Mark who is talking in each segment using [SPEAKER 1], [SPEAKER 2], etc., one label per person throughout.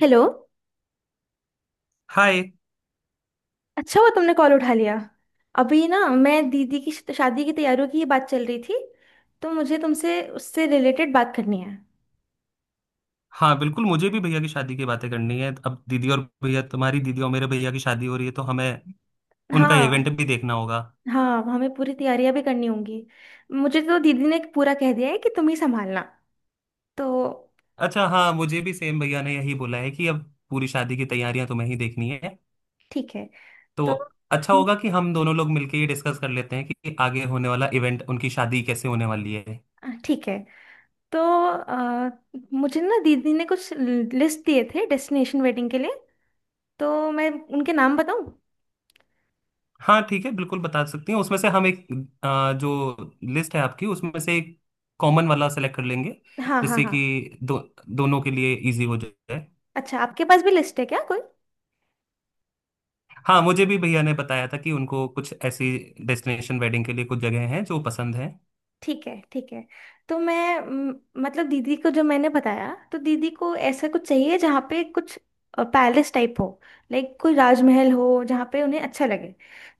[SPEAKER 1] Hello.
[SPEAKER 2] Hi.
[SPEAKER 1] अच्छा हुआ तुमने कॉल उठा लिया। अभी ना मैं दीदी की शादी की तैयारियों की ये बात चल रही थी, तो मुझे तुमसे उससे रिलेटेड बात करनी है।
[SPEAKER 2] हाँ बिल्कुल, मुझे भी भैया की शादी की बातें करनी है। अब दीदी और भैया, तुम्हारी दीदी और मेरे भैया की शादी हो रही है तो हमें उनका इवेंट
[SPEAKER 1] हाँ
[SPEAKER 2] भी देखना होगा।
[SPEAKER 1] हाँ, हमें पूरी तैयारियां भी करनी होंगी। मुझे तो दीदी ने पूरा कह दिया है कि तुम ही संभालना। तो
[SPEAKER 2] अच्छा हाँ, मुझे भी सेम भैया ने यही बोला है कि अब पूरी शादी की तैयारियां तुम्हें ही देखनी है।
[SPEAKER 1] ठीक है।
[SPEAKER 2] तो
[SPEAKER 1] तो
[SPEAKER 2] अच्छा
[SPEAKER 1] हम-
[SPEAKER 2] होगा कि हम दोनों लोग मिलकर ये डिस्कस कर लेते हैं कि आगे होने वाला इवेंट, उनकी शादी कैसे होने वाली है।
[SPEAKER 1] ठीक है। तो अ, मुझे ना दीदी ने कुछ लिस्ट दिए थे डेस्टिनेशन वेडिंग के लिए, तो मैं उनके नाम बताऊं?
[SPEAKER 2] हाँ ठीक है, बिल्कुल बता सकती हूँ। उसमें से हम एक जो लिस्ट है आपकी, उसमें से एक कॉमन वाला सेलेक्ट कर लेंगे
[SPEAKER 1] हाँ, हाँ,
[SPEAKER 2] जिससे
[SPEAKER 1] हाँ।
[SPEAKER 2] कि दोनों के लिए इजी हो जाए।
[SPEAKER 1] अच्छा, आपके पास भी लिस्ट है क्या कोई?
[SPEAKER 2] हाँ, मुझे भी भैया ने बताया था कि उनको कुछ ऐसी डेस्टिनेशन वेडिंग के लिए कुछ जगह हैं जो पसंद है।
[SPEAKER 1] ठीक है, ठीक है। तो मैं मतलब दीदी को जो मैंने बताया, तो दीदी को ऐसा कुछ चाहिए जहाँ पे कुछ पैलेस टाइप हो। लाइक कोई राजमहल हो जहाँ पे उन्हें अच्छा लगे।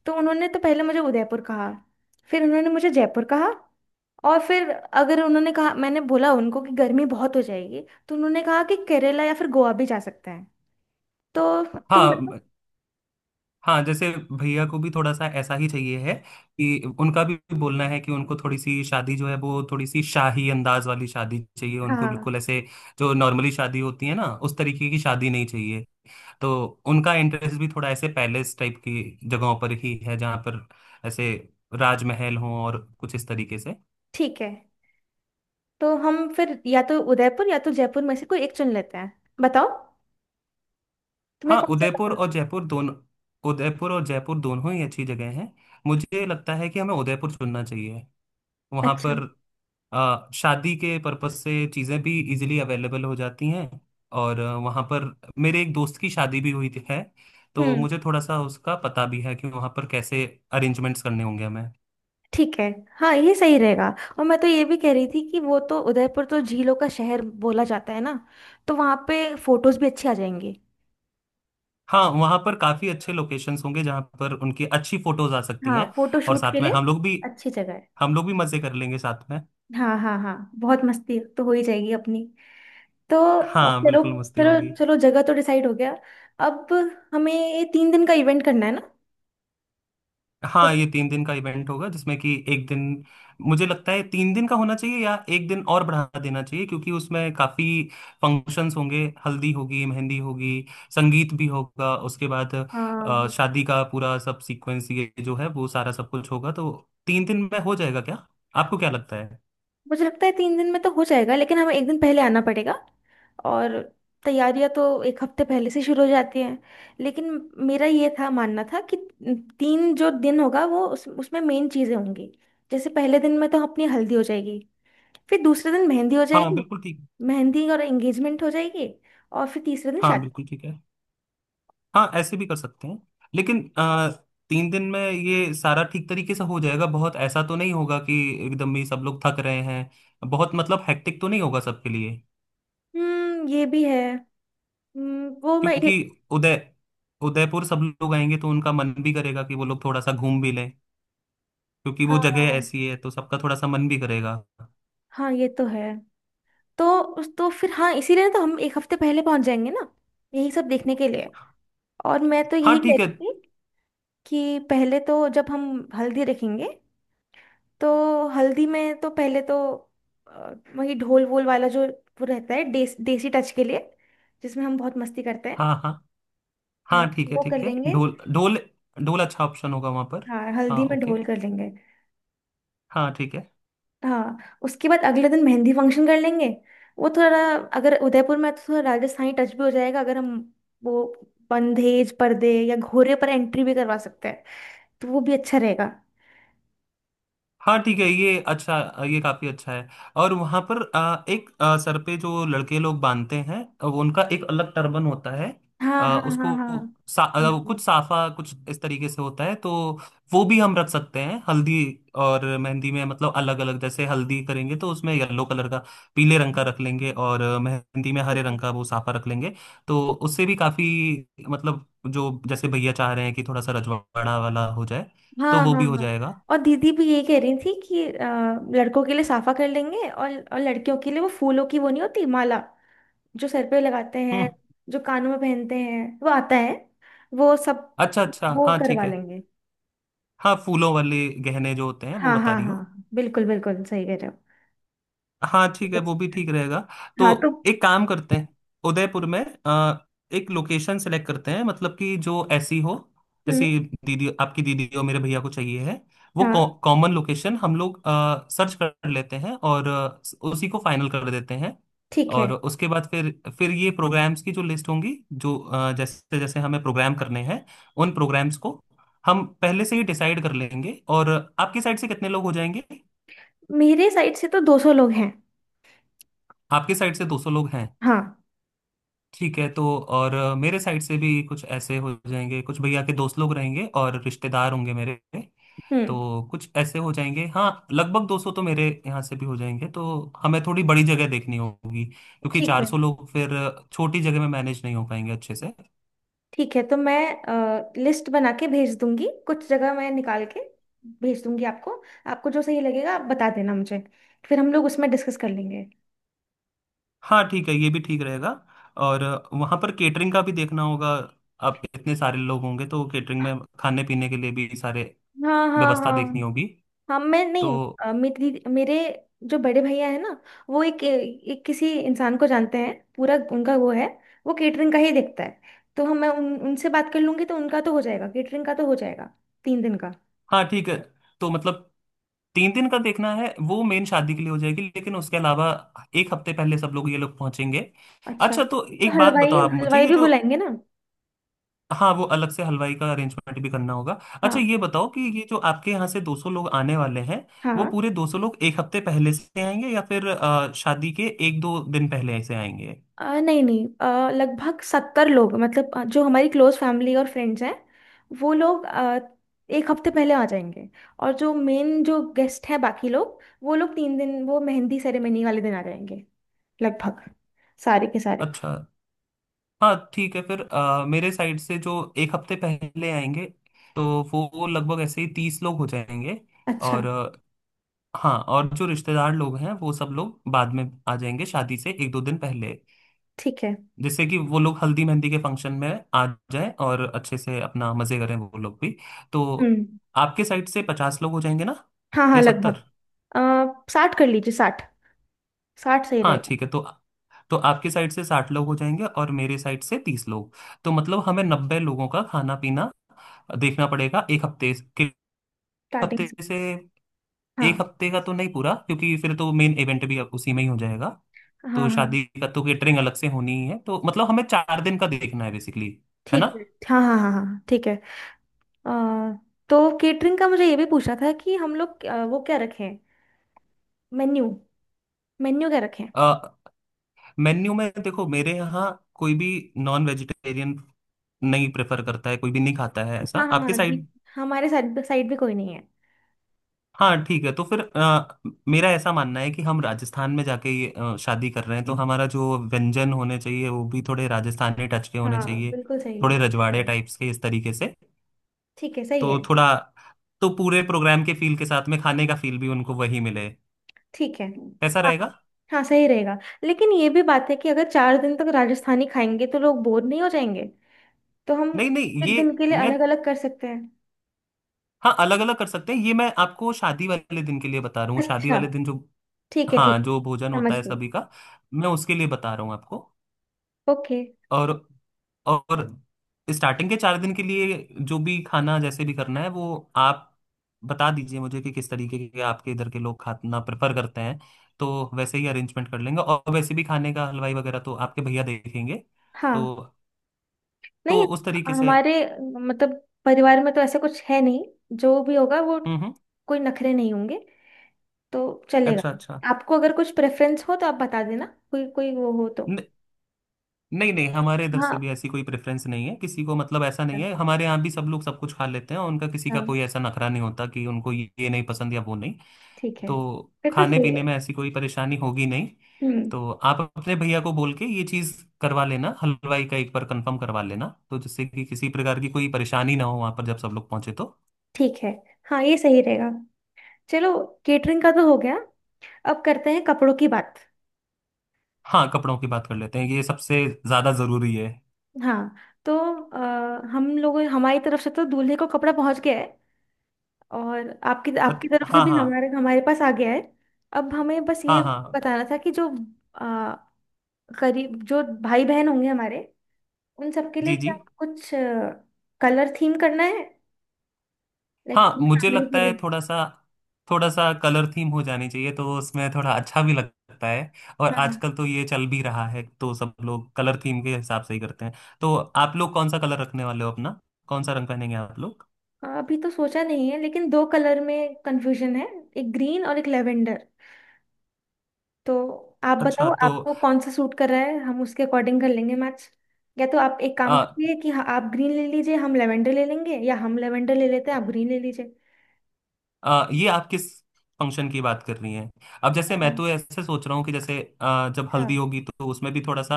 [SPEAKER 1] तो उन्होंने तो पहले मुझे उदयपुर कहा, फिर उन्होंने मुझे जयपुर कहा, और फिर अगर उन्होंने कहा, मैंने बोला उनको कि गर्मी बहुत हो जाएगी, तो उन्होंने कहा कि केरला या फिर गोवा भी जा सकते हैं। तो तुम बताओ।
[SPEAKER 2] हाँ हाँ, जैसे भैया को भी थोड़ा सा ऐसा ही चाहिए है, कि उनका भी बोलना है कि उनको थोड़ी सी शादी जो है वो थोड़ी सी शाही अंदाज वाली शादी चाहिए उनको,
[SPEAKER 1] हाँ
[SPEAKER 2] बिल्कुल ऐसे जो नॉर्मली शादी होती है ना उस तरीके की शादी नहीं चाहिए। तो उनका इंटरेस्ट भी थोड़ा ऐसे पैलेस टाइप की जगहों पर ही है जहाँ पर ऐसे राजमहल हों और कुछ इस तरीके से।
[SPEAKER 1] ठीक है, तो हम फिर या तो उदयपुर या तो जयपुर में से कोई एक चुन लेते हैं। बताओ, तुम्हें
[SPEAKER 2] हाँ,
[SPEAKER 1] कौन सा
[SPEAKER 2] उदयपुर
[SPEAKER 1] पसंद
[SPEAKER 2] और
[SPEAKER 1] है?
[SPEAKER 2] जयपुर दोनों, उदयपुर और जयपुर दोनों ही अच्छी जगह हैं। मुझे लगता है कि हमें उदयपुर चुनना चाहिए। वहाँ
[SPEAKER 1] अच्छा।
[SPEAKER 2] पर शादी के पर्पज से चीज़ें भी इजीली अवेलेबल हो जाती हैं। और वहाँ पर मेरे एक दोस्त की शादी भी हुई थी है, तो
[SPEAKER 1] हम्म
[SPEAKER 2] मुझे थोड़ा सा उसका पता भी है कि वहाँ पर कैसे अरेंजमेंट्स करने होंगे हमें।
[SPEAKER 1] ठीक है, हाँ, ये सही रहेगा। और मैं तो ये भी कह रही थी कि वो तो उदयपुर तो झीलों का शहर बोला जाता है ना, तो वहाँ पे फोटोज भी अच्छी आ जाएंगी।
[SPEAKER 2] हाँ वहाँ पर काफ़ी अच्छे लोकेशंस होंगे जहाँ पर उनकी अच्छी फोटोज आ सकती
[SPEAKER 1] हाँ,
[SPEAKER 2] हैं।
[SPEAKER 1] फोटो
[SPEAKER 2] और
[SPEAKER 1] शूट के
[SPEAKER 2] साथ में
[SPEAKER 1] लिए
[SPEAKER 2] हम लोग भी
[SPEAKER 1] अच्छी जगह है।
[SPEAKER 2] हम लोग भी मज़े कर लेंगे साथ में।
[SPEAKER 1] हाँ, हाँ, हाँ, बहुत मस्ती तो हो ही जाएगी अपनी। तो
[SPEAKER 2] हाँ
[SPEAKER 1] चलो
[SPEAKER 2] बिल्कुल मस्ती
[SPEAKER 1] चलो
[SPEAKER 2] होगी।
[SPEAKER 1] चलो, जगह तो डिसाइड हो गया। अब हमें ये तीन दिन का इवेंट करना है ना।
[SPEAKER 2] हाँ, ये तीन दिन का इवेंट होगा जिसमें कि एक दिन, मुझे लगता है तीन दिन का होना चाहिए या एक दिन और बढ़ा देना चाहिए, क्योंकि उसमें काफी फंक्शंस होंगे, हल्दी होगी, मेहंदी होगी, संगीत भी होगा, उसके बाद
[SPEAKER 1] हाँ,
[SPEAKER 2] शादी का पूरा सब सीक्वेंस, ये जो है वो सारा सब कुछ होगा। तो तीन दिन में हो जाएगा क्या? आपको क्या लगता है?
[SPEAKER 1] मुझे लगता है तीन दिन में तो हो जाएगा, लेकिन हमें एक दिन पहले आना पड़ेगा, और तैयारियां तो एक हफ्ते पहले से शुरू हो जाती हैं। लेकिन मेरा ये था, मानना था कि तीन जो दिन होगा वो उसमें मेन चीज़ें होंगी। जैसे पहले दिन में तो अपनी हल्दी हो जाएगी, फिर दूसरे दिन मेहंदी हो
[SPEAKER 2] हाँ
[SPEAKER 1] जाएगी,
[SPEAKER 2] बिल्कुल ठीक।
[SPEAKER 1] मेहंदी और एंगेजमेंट हो जाएगी, और फिर तीसरे दिन
[SPEAKER 2] हाँ
[SPEAKER 1] शादी।
[SPEAKER 2] बिल्कुल ठीक है। हाँ ऐसे भी कर सकते हैं, लेकिन तीन दिन में ये सारा ठीक तरीके से हो जाएगा, बहुत ऐसा तो नहीं होगा कि एकदम ही सब लोग थक रहे हैं, बहुत मतलब हेक्टिक तो नहीं होगा सबके लिए।
[SPEAKER 1] ये भी है। वो मैं ये
[SPEAKER 2] क्योंकि उदय उदयपुर सब लोग आएंगे तो उनका मन भी करेगा कि वो लोग थोड़ा सा घूम भी लें, क्योंकि वो जगह
[SPEAKER 1] हाँ,
[SPEAKER 2] ऐसी है तो सबका थोड़ा सा मन भी करेगा।
[SPEAKER 1] हाँ, ये तो है। तो उस तो फिर हाँ, इसीलिए तो हम एक हफ्ते पहले पहुंच जाएंगे ना, यही सब देखने के लिए। और मैं तो
[SPEAKER 2] हाँ
[SPEAKER 1] यही
[SPEAKER 2] ठीक है।
[SPEAKER 1] कहती थी कि पहले तो जब हम हल्दी रखेंगे, तो हल्दी में तो पहले तो वही ढोल वोल वाला जो वो रहता है देसी टच के लिए, जिसमें हम बहुत मस्ती करते हैं।
[SPEAKER 2] हाँ हाँ,
[SPEAKER 1] हाँ,
[SPEAKER 2] हाँ ठीक है
[SPEAKER 1] वो कर
[SPEAKER 2] ठीक है,
[SPEAKER 1] लेंगे।
[SPEAKER 2] ढोल ढोल। ढोल अच्छा ऑप्शन होगा वहां पर।
[SPEAKER 1] हाँ,
[SPEAKER 2] हाँ
[SPEAKER 1] हल्दी में
[SPEAKER 2] ओके।
[SPEAKER 1] ढोल कर लेंगे।
[SPEAKER 2] हाँ ठीक है।
[SPEAKER 1] हाँ, उसके बाद अगले दिन मेहंदी फंक्शन कर लेंगे। वो थोड़ा, अगर उदयपुर में है तो थोड़ा राजस्थानी टच भी हो जाएगा, अगर हम वो बंधेज पर्दे या घोड़े पर एंट्री भी करवा सकते हैं, तो वो भी अच्छा रहेगा।
[SPEAKER 2] हाँ ठीक है ये अच्छा, ये काफी अच्छा है। और वहां पर एक सर पे जो लड़के लोग बांधते हैं, वो उनका एक अलग टर्बन होता है।
[SPEAKER 1] हाँ, हाँ, हाँ,
[SPEAKER 2] उसको
[SPEAKER 1] हाँ,
[SPEAKER 2] कुछ साफा कुछ इस तरीके से होता है। तो वो भी हम रख सकते हैं हल्दी और मेहंदी में। मतलब अलग अलग, जैसे हल्दी करेंगे तो उसमें येलो कलर का, पीले रंग का रख लेंगे, और मेहंदी में
[SPEAKER 1] ठीक
[SPEAKER 2] हरे
[SPEAKER 1] है।
[SPEAKER 2] रंग का वो साफा रख लेंगे। तो उससे भी काफी मतलब, जो जैसे भैया चाह रहे हैं कि थोड़ा सा रजवाड़ा वाला हो जाए, तो
[SPEAKER 1] हाँ,
[SPEAKER 2] वो
[SPEAKER 1] हाँ,
[SPEAKER 2] भी हो
[SPEAKER 1] हाँ।
[SPEAKER 2] जाएगा।
[SPEAKER 1] और दीदी भी ये कह रही थी कि लड़कों के लिए साफा कर लेंगे, और लड़कियों के लिए वो फूलों की, वो नहीं होती माला जो सर पे लगाते हैं, जो कानों में पहनते हैं, वो आता है, वो सब,
[SPEAKER 2] अच्छा अच्छा,
[SPEAKER 1] वो
[SPEAKER 2] हाँ ठीक
[SPEAKER 1] करवा
[SPEAKER 2] है।
[SPEAKER 1] लेंगे।
[SPEAKER 2] हाँ, फूलों वाले गहने जो होते हैं वो
[SPEAKER 1] हाँ,
[SPEAKER 2] बता
[SPEAKER 1] हाँ, हाँ,
[SPEAKER 2] रही हो।
[SPEAKER 1] हाँ, बिल्कुल बिल्कुल सही कह रहे हो।
[SPEAKER 2] हाँ ठीक है,
[SPEAKER 1] कर
[SPEAKER 2] वो भी
[SPEAKER 1] सकते हैं।
[SPEAKER 2] ठीक रहेगा। तो
[SPEAKER 1] हाँ तो
[SPEAKER 2] एक काम करते हैं, उदयपुर में अ, एक लोकेशन सेलेक्ट करते हैं, मतलब कि जो ऐसी हो
[SPEAKER 1] हम्म
[SPEAKER 2] जैसे दीदी, आपकी दीदी और मेरे भैया को चाहिए है वो
[SPEAKER 1] हाँ
[SPEAKER 2] कॉमन लोकेशन, हम लोग सर्च कर लेते हैं और उसी को फाइनल कर देते हैं।
[SPEAKER 1] ठीक है।
[SPEAKER 2] और उसके बाद फिर ये प्रोग्राम्स की जो लिस्ट होंगी, जो जैसे जैसे हमें प्रोग्राम करने हैं उन प्रोग्राम्स को हम पहले से ही डिसाइड कर लेंगे। और आपकी साइड से कितने लोग हो जाएंगे?
[SPEAKER 1] मेरे साइड से तो 200 लोग हैं।
[SPEAKER 2] आपकी साइड से 200 लोग।
[SPEAKER 1] हाँ।
[SPEAKER 2] ठीक है, तो और मेरे साइड से भी कुछ ऐसे हो जाएंगे, कुछ भैया के दोस्त लोग रहेंगे और रिश्तेदार होंगे मेरे, तो
[SPEAKER 1] हम्म
[SPEAKER 2] कुछ ऐसे हो जाएंगे। हाँ लगभग 200 तो मेरे यहाँ से भी हो जाएंगे। तो हमें थोड़ी बड़ी जगह देखनी होगी क्योंकि
[SPEAKER 1] ठीक है,
[SPEAKER 2] 400 लोग फिर छोटी जगह में मैनेज नहीं हो पाएंगे अच्छे से।
[SPEAKER 1] ठीक है, तो मैं लिस्ट बना के भेज दूंगी, कुछ जगह मैं निकाल के भेज दूंगी आपको। आपको जो सही लगेगा आप बता देना मुझे, फिर हम लोग उसमें डिस्कस कर लेंगे।
[SPEAKER 2] हाँ ठीक है, ये भी ठीक रहेगा। और वहाँ पर केटरिंग का भी देखना होगा। आप इतने सारे लोग होंगे तो केटरिंग में खाने पीने के लिए भी सारे
[SPEAKER 1] हाँ, हाँ,
[SPEAKER 2] व्यवस्था देखनी
[SPEAKER 1] हाँ,
[SPEAKER 2] होगी।
[SPEAKER 1] हाँ, मैं
[SPEAKER 2] तो
[SPEAKER 1] नहीं, मेरी मेरे जो बड़े भैया है ना, वो एक किसी इंसान को जानते हैं, पूरा उनका वो है, वो केटरिंग का ही देखता है। तो हम मैं उनसे बात कर लूंगी तो उनका तो हो जाएगा, केटरिंग का तो हो जाएगा, तीन दिन का।
[SPEAKER 2] हाँ ठीक है। तो मतलब तीन दिन का देखना है, वो मेन शादी के लिए हो जाएगी, लेकिन उसके अलावा एक हफ्ते पहले सब लोग, ये लोग पहुंचेंगे।
[SPEAKER 1] अच्छा
[SPEAKER 2] अच्छा तो
[SPEAKER 1] तो
[SPEAKER 2] एक बात
[SPEAKER 1] हलवाई,
[SPEAKER 2] बताओ आप मुझे,
[SPEAKER 1] हलवाई
[SPEAKER 2] ये
[SPEAKER 1] भी
[SPEAKER 2] जो
[SPEAKER 1] बुलाएंगे ना।
[SPEAKER 2] हाँ, वो अलग से हलवाई का अरेंजमेंट भी करना होगा। अच्छा
[SPEAKER 1] हाँ,
[SPEAKER 2] ये बताओ कि ये जो आपके यहाँ से 200 लोग आने वाले हैं, वो
[SPEAKER 1] हाँ।
[SPEAKER 2] पूरे 200 लोग एक हफ्ते पहले से आएंगे या फिर शादी के एक दो दिन पहले से आएंगे?
[SPEAKER 1] नहीं नहीं, लगभग सत्तर लोग, मतलब जो हमारी क्लोज फैमिली और फ्रेंड्स हैं, वो लोग एक हफ्ते पहले आ जाएंगे। और जो मेन जो गेस्ट हैं, बाकी लोग, वो लोग तीन दिन, वो मेहंदी सेरेमनी वाले दिन आ जाएंगे लगभग, सारे के सारे।
[SPEAKER 2] अच्छा हाँ ठीक है। फिर मेरे साइड से जो एक हफ्ते पहले आएंगे, तो वो लगभग ऐसे ही तीस लोग हो जाएंगे।
[SPEAKER 1] अच्छा।
[SPEAKER 2] और हाँ, और जो रिश्तेदार लोग हैं वो सब लोग बाद में आ जाएंगे शादी से एक दो दिन पहले,
[SPEAKER 1] ठीक है।
[SPEAKER 2] जिससे कि वो लोग हल्दी मेहंदी के फंक्शन में आ जाएं और अच्छे से अपना मजे करें वो लोग भी। तो
[SPEAKER 1] हम्म
[SPEAKER 2] आपके साइड से पचास लोग हो जाएंगे ना,
[SPEAKER 1] हाँ, हाँ,
[SPEAKER 2] या
[SPEAKER 1] लगभग।
[SPEAKER 2] सत्तर?
[SPEAKER 1] आ, साठ कर लीजिए, साठ, साठ सही
[SPEAKER 2] हाँ
[SPEAKER 1] रहेगा।
[SPEAKER 2] ठीक है। तो आपके साइड से साठ लोग हो जाएंगे और मेरे साइड से तीस लोग, तो मतलब हमें नब्बे लोगों का खाना पीना देखना पड़ेगा एक हफ्ते के
[SPEAKER 1] स्टार्टिंग
[SPEAKER 2] हफ्ते
[SPEAKER 1] से।
[SPEAKER 2] से एक
[SPEAKER 1] हाँ,
[SPEAKER 2] हफ्ते का तो नहीं पूरा, क्योंकि फिर तो मेन इवेंट भी अब उसी में ही हो जाएगा।
[SPEAKER 1] हाँ,
[SPEAKER 2] तो
[SPEAKER 1] हाँ,
[SPEAKER 2] शादी का तो केटरिंग अलग से होनी ही है, तो मतलब हमें चार दिन का देखना है बेसिकली, है ना?
[SPEAKER 1] ठीक है। हाँ, हाँ, हाँ, हाँ, ठीक है। आ, तो केटरिंग का मुझे ये भी पूछना था कि हम लोग वो क्या रखें, मेन्यू, मेन्यू क्या रखें?
[SPEAKER 2] मेन्यू में देखो, मेरे यहाँ कोई भी नॉन वेजिटेरियन नहीं प्रेफर करता है, कोई भी नहीं खाता है। ऐसा
[SPEAKER 1] हाँ, हाँ,
[SPEAKER 2] आपके
[SPEAKER 1] हाँ जी,
[SPEAKER 2] साइड?
[SPEAKER 1] हमारे साइड साइड भी कोई नहीं है।
[SPEAKER 2] हाँ ठीक है, तो फिर मेरा ऐसा मानना है कि हम राजस्थान में जाके ये शादी कर रहे हैं, तो हमारा जो व्यंजन होने चाहिए वो भी थोड़े राजस्थानी टच के होने
[SPEAKER 1] हाँ,
[SPEAKER 2] चाहिए,
[SPEAKER 1] बिल्कुल सही है,
[SPEAKER 2] थोड़े
[SPEAKER 1] अच्छा
[SPEAKER 2] रजवाड़े
[SPEAKER 1] रहेगा।
[SPEAKER 2] टाइप्स के इस तरीके से।
[SPEAKER 1] ठीक है, सही है।
[SPEAKER 2] तो थोड़ा, तो पूरे प्रोग्राम के फील के साथ में खाने का फील भी उनको वही मिले,
[SPEAKER 1] ठीक है।
[SPEAKER 2] ऐसा रहेगा।
[SPEAKER 1] हाँ, हाँ, सही रहेगा। लेकिन ये भी बात है कि अगर चार दिन तक राजस्थानी खाएंगे तो लोग बोर नहीं हो जाएंगे? तो हम
[SPEAKER 2] नहीं नहीं ये
[SPEAKER 1] एक दिन के लिए
[SPEAKER 2] मैं,
[SPEAKER 1] अलग अलग कर सकते हैं।
[SPEAKER 2] हाँ अलग अलग कर सकते हैं, ये मैं आपको शादी वाले दिन के लिए बता रहा हूँ, शादी
[SPEAKER 1] अच्छा,
[SPEAKER 2] वाले दिन जो
[SPEAKER 1] ठीक है,
[SPEAKER 2] हाँ,
[SPEAKER 1] ठीक है,
[SPEAKER 2] जो भोजन होता
[SPEAKER 1] समझ
[SPEAKER 2] है
[SPEAKER 1] गई।
[SPEAKER 2] सभी का, मैं उसके लिए बता रहा हूँ आपको।
[SPEAKER 1] ओके।
[SPEAKER 2] और और स्टार्टिंग के चार दिन के लिए जो भी खाना जैसे भी करना है, वो आप बता दीजिए मुझे कि किस तरीके के आपके इधर के लोग खाना प्रेफर करते हैं, तो वैसे ही अरेंजमेंट कर लेंगे। और वैसे भी खाने का हलवाई वगैरह तो आपके भैया देखेंगे, तो
[SPEAKER 1] हाँ नहीं,
[SPEAKER 2] उस तरीके से।
[SPEAKER 1] हमारे मतलब परिवार में तो ऐसा कुछ है नहीं, जो भी होगा वो,
[SPEAKER 2] हम्म हम्म,
[SPEAKER 1] कोई नखरे नहीं होंगे, तो चलेगा।
[SPEAKER 2] अच्छा अच्छा।
[SPEAKER 1] आपको अगर कुछ प्रेफरेंस हो तो आप बता देना, कोई कोई वो हो तो।
[SPEAKER 2] न, नहीं नहीं, हमारे इधर से
[SPEAKER 1] हाँ,
[SPEAKER 2] भी ऐसी कोई प्रेफरेंस नहीं है किसी को। मतलब ऐसा
[SPEAKER 1] हाँ,
[SPEAKER 2] नहीं है, हमारे यहाँ भी सब लोग सब कुछ खा लेते हैं और उनका किसी का
[SPEAKER 1] हाँ,
[SPEAKER 2] कोई ऐसा नखरा नहीं होता कि उनको ये नहीं पसंद या वो नहीं।
[SPEAKER 1] ठीक है,
[SPEAKER 2] तो
[SPEAKER 1] फिर तो
[SPEAKER 2] खाने
[SPEAKER 1] सही
[SPEAKER 2] पीने
[SPEAKER 1] है।
[SPEAKER 2] में ऐसी कोई परेशानी होगी नहीं।
[SPEAKER 1] हम्म
[SPEAKER 2] तो आप अपने भैया को बोल के ये चीज करवा लेना, हलवाई का एक बार कंफर्म करवा लेना, तो जिससे कि किसी प्रकार की कोई परेशानी ना हो वहां पर जब सब लोग पहुंचे तो।
[SPEAKER 1] ठीक है, हाँ, ये सही रहेगा। चलो, केटरिंग का तो हो गया, अब करते हैं कपड़ों की बात।
[SPEAKER 2] हाँ, कपड़ों की बात कर लेते हैं, ये सबसे ज्यादा जरूरी है।
[SPEAKER 1] हाँ तो हम लोगों, हमारी तरफ से तो दूल्हे को कपड़ा पहुंच गया है, और आपकी
[SPEAKER 2] अ-
[SPEAKER 1] आपकी तरफ से
[SPEAKER 2] हाँ
[SPEAKER 1] भी
[SPEAKER 2] हाँ
[SPEAKER 1] हमारे हमारे पास आ गया है। अब हमें बस ये
[SPEAKER 2] हाँ हाँ,
[SPEAKER 1] बताना था कि जो अ, करीब जो भाई बहन होंगे हमारे, उन सबके लिए
[SPEAKER 2] जी जी।
[SPEAKER 1] क्या कुछ कलर थीम करना है, लाइक
[SPEAKER 2] हाँ, मुझे
[SPEAKER 1] फैमिली
[SPEAKER 2] लगता
[SPEAKER 1] के
[SPEAKER 2] है
[SPEAKER 1] लिए।
[SPEAKER 2] थोड़ा सा, थोड़ा सा कलर थीम हो जानी चाहिए, तो उसमें थोड़ा अच्छा भी लगता है। और
[SPEAKER 1] हाँ,
[SPEAKER 2] आजकल तो ये चल भी रहा है, तो सब लोग कलर थीम के हिसाब से ही करते हैं। तो आप लोग कौन सा कलर रखने वाले हो अपना? कौन सा रंग पहनेंगे आप लोग?
[SPEAKER 1] हाँ, अभी तो सोचा नहीं है लेकिन दो कलर में कंफ्यूजन है, एक ग्रीन और एक लेवेंडर। तो आप बताओ,
[SPEAKER 2] अच्छा तो
[SPEAKER 1] आपको कौन सा सूट कर रहा है, हम उसके अकॉर्डिंग कर लेंगे, मैच। या तो आप एक काम
[SPEAKER 2] आ,
[SPEAKER 1] करिए कि हाँ, आप ग्रीन ले लीजिए, हम लेवेंडर ले लेंगे, या हम लेवेंडर ले लेते हैं, आप ग्रीन ले लीजिए।
[SPEAKER 2] आ, ये आप किस फंक्शन की बात कर रही हैं? अब जैसे
[SPEAKER 1] अच्छा।
[SPEAKER 2] मैं तो ऐसे सोच रहा हूँ कि जैसे जब हल्दी होगी तो उसमें भी थोड़ा सा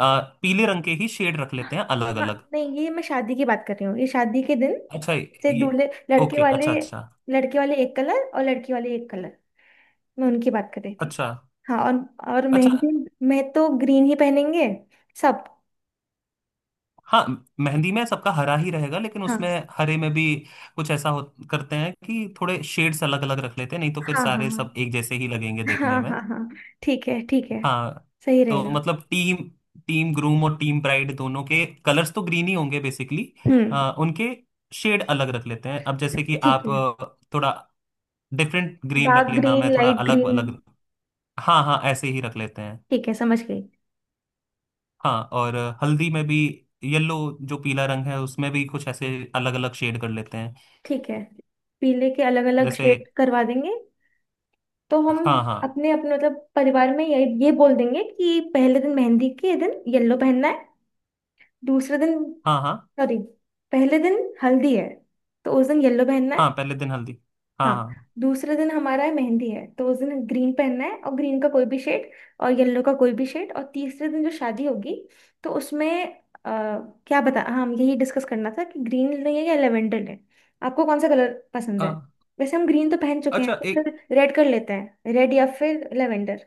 [SPEAKER 2] पीले रंग के ही शेड रख लेते हैं अलग
[SPEAKER 1] हाँ
[SPEAKER 2] अलग।
[SPEAKER 1] नहीं, ये मैं शादी की बात कर रही हूँ, ये शादी के दिन
[SPEAKER 2] अच्छा
[SPEAKER 1] से,
[SPEAKER 2] ये,
[SPEAKER 1] दूल्हे, लड़के
[SPEAKER 2] ओके,
[SPEAKER 1] वाले,
[SPEAKER 2] अच्छा अच्छा,
[SPEAKER 1] लड़के वाले एक कलर और लड़की वाले एक कलर, मैं उनकी बात कर रही थी।
[SPEAKER 2] अच्छा
[SPEAKER 1] हाँ, और
[SPEAKER 2] अच्छा।
[SPEAKER 1] मेहंदी, मैं तो ग्रीन ही पहनेंगे सब।
[SPEAKER 2] हाँ, मेहंदी में सबका हरा ही रहेगा, लेकिन उसमें
[SPEAKER 1] हाँ,
[SPEAKER 2] हरे में भी कुछ ऐसा हो, करते हैं कि थोड़े शेड्स अलग अलग रख लेते हैं नहीं तो फिर
[SPEAKER 1] हाँ,
[SPEAKER 2] सारे
[SPEAKER 1] हाँ,
[SPEAKER 2] सब एक जैसे ही लगेंगे
[SPEAKER 1] हाँ,
[SPEAKER 2] देखने
[SPEAKER 1] हाँ,
[SPEAKER 2] में।
[SPEAKER 1] हाँ, हाँ, ठीक है, ठीक है,
[SPEAKER 2] हाँ
[SPEAKER 1] सही
[SPEAKER 2] तो
[SPEAKER 1] रहेगा।
[SPEAKER 2] मतलब टीम टीम ग्रूम और टीम ब्राइड दोनों के कलर्स तो ग्रीन ही होंगे बेसिकली।
[SPEAKER 1] हम्म
[SPEAKER 2] उनके शेड अलग रख लेते हैं, अब जैसे कि
[SPEAKER 1] ठीक
[SPEAKER 2] आप
[SPEAKER 1] है।
[SPEAKER 2] थोड़ा डिफरेंट ग्रीन रख
[SPEAKER 1] डार्क
[SPEAKER 2] लेना, मैं
[SPEAKER 1] ग्रीन,
[SPEAKER 2] थोड़ा
[SPEAKER 1] लाइट
[SPEAKER 2] अलग
[SPEAKER 1] ग्रीन।
[SPEAKER 2] अलग। हाँ हाँ, ऐसे ही रख लेते हैं।
[SPEAKER 1] ठीक है, समझ गई।
[SPEAKER 2] हाँ और हल्दी में भी येलो, जो पीला रंग है उसमें भी कुछ ऐसे अलग अलग शेड कर लेते हैं।
[SPEAKER 1] ठीक है, पीले के अलग अलग
[SPEAKER 2] जैसे
[SPEAKER 1] शेड करवा देंगे। तो हम
[SPEAKER 2] हाँ हाँ
[SPEAKER 1] अपने अपने मतलब परिवार में ये बोल देंगे कि पहले दिन, मेहंदी के दिन येलो पहनना है, दूसरे दिन,
[SPEAKER 2] हाँ हाँ,
[SPEAKER 1] सॉरी, पहले दिन हल्दी है, तो उस दिन येलो पहनना
[SPEAKER 2] हाँ
[SPEAKER 1] है।
[SPEAKER 2] पहले दिन हल्दी, हाँ।
[SPEAKER 1] हाँ,
[SPEAKER 2] हाँ।
[SPEAKER 1] दूसरे दिन हमारा है मेहंदी है, तो उस दिन ग्रीन पहनना है, और ग्रीन का कोई भी शेड, और येलो का कोई भी शेड। और तीसरे दिन जो शादी होगी, तो उसमें अ, क्या बता, हाँ, हम यही डिस्कस करना था कि ग्रीन लें या लेवेंडर लें। आपको कौन सा कलर पसंद
[SPEAKER 2] अ,
[SPEAKER 1] है? वैसे हम ग्रीन तो पहन चुके हैं,
[SPEAKER 2] अच्छा
[SPEAKER 1] तो
[SPEAKER 2] एक।
[SPEAKER 1] फिर रेड कर लेते हैं, रेड या फिर लेवेंडर।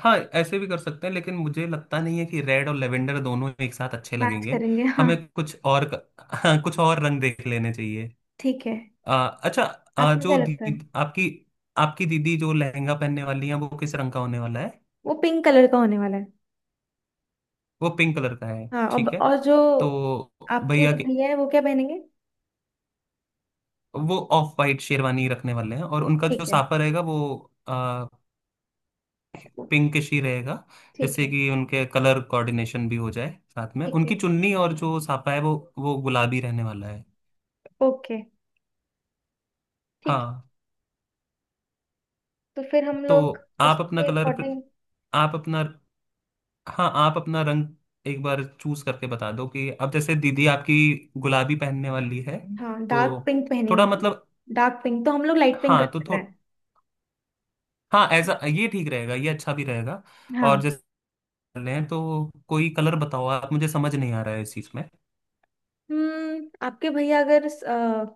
[SPEAKER 2] हाँ, ऐसे भी कर सकते हैं, लेकिन मुझे लगता नहीं है कि रेड और लेवेंडर दोनों एक साथ अच्छे
[SPEAKER 1] मैच
[SPEAKER 2] लगेंगे।
[SPEAKER 1] करेंगे, हाँ,
[SPEAKER 2] हमें कुछ और हाँ, कुछ और रंग देख लेने चाहिए।
[SPEAKER 1] ठीक है।
[SPEAKER 2] अ, अच्छा।
[SPEAKER 1] आपको क्या लगता है?
[SPEAKER 2] आपकी आपकी दीदी जो लहंगा पहनने वाली है वो किस रंग का होने वाला है?
[SPEAKER 1] वो पिंक कलर का होने वाला है।
[SPEAKER 2] वो पिंक कलर का है,
[SPEAKER 1] हाँ, और,
[SPEAKER 2] ठीक है।
[SPEAKER 1] और जो,
[SPEAKER 2] तो
[SPEAKER 1] आपके
[SPEAKER 2] भैया
[SPEAKER 1] जो
[SPEAKER 2] की
[SPEAKER 1] भैया है वो क्या पहनेंगे?
[SPEAKER 2] वो ऑफ वाइट शेरवानी रखने वाले हैं और उनका जो
[SPEAKER 1] ठीक है,
[SPEAKER 2] साफा रहेगा वो पिंकिश ही रहेगा।
[SPEAKER 1] ठीक
[SPEAKER 2] जैसे
[SPEAKER 1] है,
[SPEAKER 2] कि उनके कलर कोऑर्डिनेशन भी हो जाए, साथ में
[SPEAKER 1] ठीक है।
[SPEAKER 2] उनकी चुन्नी और जो साफा है वो गुलाबी रहने वाला है।
[SPEAKER 1] ओके, ठीक है।
[SPEAKER 2] हाँ,
[SPEAKER 1] तो फिर हम
[SPEAKER 2] तो
[SPEAKER 1] लोग
[SPEAKER 2] आप अपना
[SPEAKER 1] उसके
[SPEAKER 2] कलर
[SPEAKER 1] अकॉर्डिंग,
[SPEAKER 2] आप अपना हाँ, आप अपना रंग एक बार चूज करके बता दो कि अब जैसे दीदी आपकी गुलाबी पहनने वाली है
[SPEAKER 1] हाँ डार्क
[SPEAKER 2] तो
[SPEAKER 1] पिंक
[SPEAKER 2] थोड़ा
[SPEAKER 1] पहनेंगे।
[SPEAKER 2] मतलब,
[SPEAKER 1] डार्क पिंक, तो हम लोग लाइट पिंक
[SPEAKER 2] हाँ तो
[SPEAKER 1] कर
[SPEAKER 2] थो
[SPEAKER 1] रहे हैं।
[SPEAKER 2] हाँ, ऐसा ये ठीक रहेगा, ये अच्छा भी रहेगा। और
[SPEAKER 1] हाँ।
[SPEAKER 2] जैसे कर रहे हैं तो कोई कलर बताओ, आप मुझे समझ नहीं आ रहा है इस चीज में।
[SPEAKER 1] आपके भैया अगर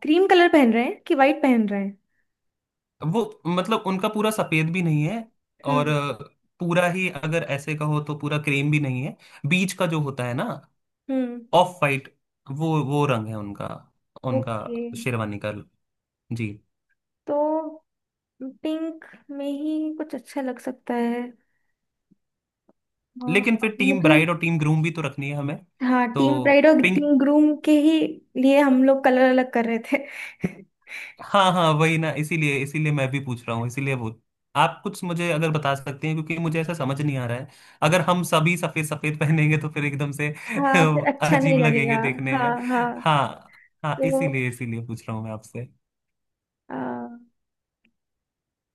[SPEAKER 1] क्रीम कलर पहन रहे हैं कि वाइट पहन रहे हैं?
[SPEAKER 2] वो मतलब उनका पूरा सफेद भी नहीं है और
[SPEAKER 1] हम्म
[SPEAKER 2] पूरा ही अगर ऐसे कहो तो पूरा क्रीम भी नहीं है। बीच का जो होता है ना,
[SPEAKER 1] हम्म
[SPEAKER 2] ऑफ वाइट, वो रंग है उनका उनका
[SPEAKER 1] ओके,
[SPEAKER 2] शेरवानी का। जी।
[SPEAKER 1] तो पिंक में ही कुछ अच्छा लग सकता है। हाँ,
[SPEAKER 2] लेकिन फिर टीम
[SPEAKER 1] मुझे,
[SPEAKER 2] ब्राइड और टीम ग्रूम भी तो रखनी है हमें।
[SPEAKER 1] हाँ,
[SPEAKER 2] तो
[SPEAKER 1] टीम प्राइड और
[SPEAKER 2] पिंक।
[SPEAKER 1] टीम ग्रूम के ही लिए हम लोग कलर अलग कर रहे थे।
[SPEAKER 2] हाँ हाँ, वही ना, इसीलिए इसीलिए मैं भी पूछ रहा हूँ, इसीलिए वो, आप कुछ मुझे अगर बता सकते हैं, क्योंकि मुझे ऐसा समझ नहीं आ रहा है। अगर हम सभी सफेद सफेद पहनेंगे तो फिर एकदम से
[SPEAKER 1] हाँ, फिर अच्छा नहीं
[SPEAKER 2] अजीब
[SPEAKER 1] लगेगा।
[SPEAKER 2] लगेंगे देखने में।
[SPEAKER 1] हाँ, हाँ।
[SPEAKER 2] हाँ। हाँ
[SPEAKER 1] तो
[SPEAKER 2] इसीलिए इसीलिए पूछ रहा हूँ मैं आपसे।
[SPEAKER 1] अ,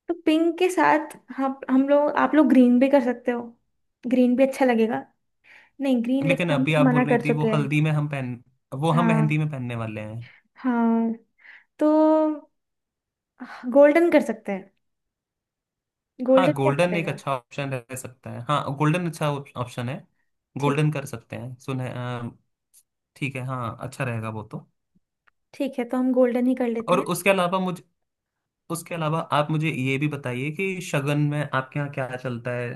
[SPEAKER 1] तो पिंक के साथ हम लोग, आप लोग ग्रीन भी कर सकते हो, ग्रीन भी अच्छा लगेगा। नहीं, ग्रीन
[SPEAKER 2] लेकिन
[SPEAKER 1] लेकिन हम
[SPEAKER 2] अभी
[SPEAKER 1] लोग
[SPEAKER 2] आप
[SPEAKER 1] मना
[SPEAKER 2] बोल रही
[SPEAKER 1] कर
[SPEAKER 2] थी वो
[SPEAKER 1] चुके हैं।
[SPEAKER 2] हल्दी में हम पहन वो हम
[SPEAKER 1] हाँ,
[SPEAKER 2] मेहंदी में पहनने वाले हैं।
[SPEAKER 1] हाँ। तो गोल्डन कर सकते हैं, गोल्डन
[SPEAKER 2] हाँ,
[SPEAKER 1] कैसा
[SPEAKER 2] गोल्डन एक
[SPEAKER 1] रहेगा?
[SPEAKER 2] अच्छा ऑप्शन रह सकता है। हाँ गोल्डन अच्छा ऑप्शन है।
[SPEAKER 1] ठीक,
[SPEAKER 2] गोल्डन कर सकते हैं सुने। ठीक है। हाँ अच्छा रहेगा वो तो।
[SPEAKER 1] ठीक है, तो हम गोल्डन ही कर लेते
[SPEAKER 2] और
[SPEAKER 1] हैं।
[SPEAKER 2] उसके अलावा मुझे, उसके अलावा आप मुझे ये भी बताइए कि शगन में आपके यहाँ क्या चलता है।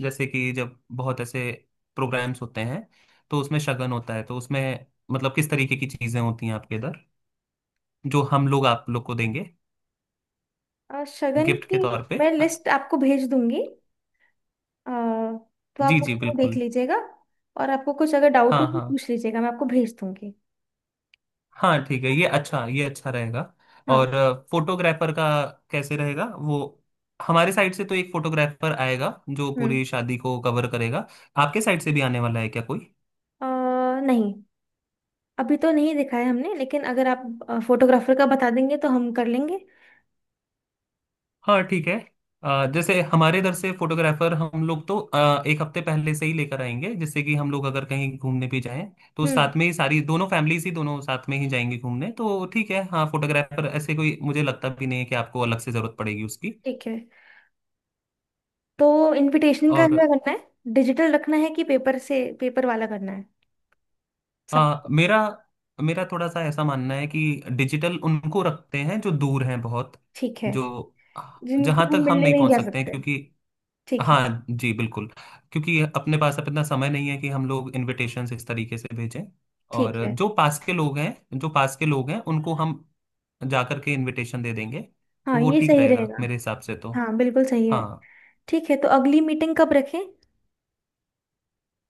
[SPEAKER 2] जैसे कि जब बहुत ऐसे प्रोग्राम्स होते हैं तो उसमें शगन होता है, तो उसमें मतलब किस तरीके की चीजें होती हैं आपके इधर, जो हम लोग आप लोग को देंगे
[SPEAKER 1] शगन
[SPEAKER 2] गिफ्ट के
[SPEAKER 1] की
[SPEAKER 2] तौर पे।
[SPEAKER 1] मैं लिस्ट आपको भेज दूंगी, अ, तो
[SPEAKER 2] जी
[SPEAKER 1] आप
[SPEAKER 2] जी
[SPEAKER 1] उसमें देख
[SPEAKER 2] बिल्कुल।
[SPEAKER 1] लीजिएगा, और आपको कुछ अगर डाउट हो
[SPEAKER 2] हाँ
[SPEAKER 1] तो
[SPEAKER 2] हाँ।
[SPEAKER 1] पूछ लीजिएगा, मैं आपको भेज दूंगी।
[SPEAKER 2] हाँ ठीक है, ये अच्छा रहेगा। और
[SPEAKER 1] हाँ।
[SPEAKER 2] फोटोग्राफर का कैसे रहेगा वो? हमारे साइड से तो एक फोटोग्राफर आएगा जो
[SPEAKER 1] हम्म
[SPEAKER 2] पूरी शादी को कवर करेगा। आपके साइड से भी आने वाला है क्या कोई?
[SPEAKER 1] अ, नहीं, अभी तो नहीं दिखा है हमने, लेकिन अगर आप फोटोग्राफर का बता देंगे तो हम कर लेंगे।
[SPEAKER 2] हाँ ठीक है। जैसे हमारे इधर से फोटोग्राफर हम लोग तो एक हफ्ते पहले से ही लेकर आएंगे, जिससे कि हम लोग अगर कहीं घूमने भी जाएं तो
[SPEAKER 1] हम्म
[SPEAKER 2] साथ में ही सारी दोनों फैमिलीज ही दोनों साथ में ही जाएंगे घूमने। तो ठीक है, हाँ फोटोग्राफर ऐसे कोई मुझे लगता भी नहीं है कि आपको अलग से जरूरत पड़ेगी उसकी।
[SPEAKER 1] ठीक है। तो इनविटेशन का
[SPEAKER 2] और
[SPEAKER 1] क्या करना है, डिजिटल रखना है कि पेपर से, पेपर वाला करना है सब?
[SPEAKER 2] मेरा मेरा थोड़ा सा ऐसा मानना है कि डिजिटल उनको रखते हैं जो दूर हैं बहुत,
[SPEAKER 1] ठीक है,
[SPEAKER 2] जो जहां
[SPEAKER 1] जिनको हम
[SPEAKER 2] तक हम
[SPEAKER 1] मिलने
[SPEAKER 2] नहीं
[SPEAKER 1] नहीं
[SPEAKER 2] पहुंच
[SPEAKER 1] जा
[SPEAKER 2] सकते हैं,
[SPEAKER 1] सकते।
[SPEAKER 2] क्योंकि
[SPEAKER 1] ठीक है,
[SPEAKER 2] हाँ जी बिल्कुल, क्योंकि अपने पास अब इतना समय नहीं है कि हम लोग इनविटेशंस इस तरीके से भेजें।
[SPEAKER 1] ठीक
[SPEAKER 2] और
[SPEAKER 1] है,
[SPEAKER 2] जो पास के लोग हैं उनको हम जा करके इनविटेशन दे देंगे। तो
[SPEAKER 1] हाँ
[SPEAKER 2] वो
[SPEAKER 1] ये
[SPEAKER 2] ठीक
[SPEAKER 1] सही
[SPEAKER 2] रहेगा
[SPEAKER 1] रहेगा।
[SPEAKER 2] मेरे हिसाब से तो।
[SPEAKER 1] हाँ बिल्कुल सही है।
[SPEAKER 2] हाँ।
[SPEAKER 1] ठीक है, तो अगली मीटिंग कब रखें?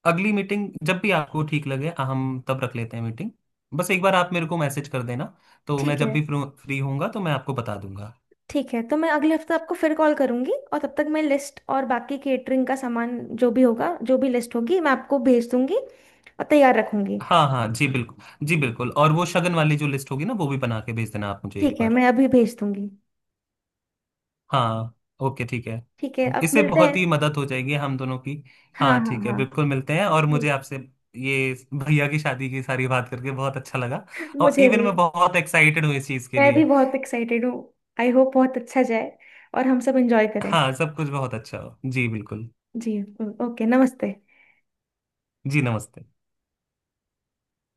[SPEAKER 2] अगली मीटिंग जब भी आपको ठीक लगे हम तब रख लेते हैं मीटिंग। बस एक बार आप मेरे को मैसेज कर देना, तो मैं
[SPEAKER 1] ठीक
[SPEAKER 2] जब
[SPEAKER 1] है,
[SPEAKER 2] भी फ्री होऊंगा तो मैं आपको बता दूंगा।
[SPEAKER 1] ठीक है, तो मैं अगले हफ्ते आपको फिर कॉल करूंगी, और तब तक मैं लिस्ट और बाकी केटरिंग का सामान, जो भी होगा, जो भी लिस्ट होगी, मैं आपको भेज दूंगी और तैयार रखूंगी।
[SPEAKER 2] हाँ हाँ जी बिल्कुल जी बिल्कुल। और वो शगन वाली जो लिस्ट होगी ना वो भी बना के भेज देना आप मुझे एक
[SPEAKER 1] ठीक है,
[SPEAKER 2] बार।
[SPEAKER 1] मैं अभी भेज दूंगी।
[SPEAKER 2] हाँ। ओके ठीक है।
[SPEAKER 1] ठीक है, अब
[SPEAKER 2] इससे
[SPEAKER 1] मिलते हैं।
[SPEAKER 2] बहुत ही मदद हो जाएगी हम दोनों की।
[SPEAKER 1] हाँ,
[SPEAKER 2] हाँ
[SPEAKER 1] हाँ,
[SPEAKER 2] ठीक है,
[SPEAKER 1] हाँ,
[SPEAKER 2] बिल्कुल मिलते हैं, और मुझे आपसे ये भैया की शादी की सारी बात करके बहुत अच्छा लगा। और
[SPEAKER 1] मुझे
[SPEAKER 2] इवन
[SPEAKER 1] भी।
[SPEAKER 2] मैं बहुत एक्साइटेड हूँ इस चीज़ के
[SPEAKER 1] मैं भी
[SPEAKER 2] लिए।
[SPEAKER 1] बहुत एक्साइटेड हूँ, आई होप बहुत अच्छा जाए, और हम सब एंजॉय करें।
[SPEAKER 2] हाँ सब कुछ बहुत अच्छा हो, जी बिल्कुल।
[SPEAKER 1] जी, ओके, नमस्ते।
[SPEAKER 2] जी नमस्ते।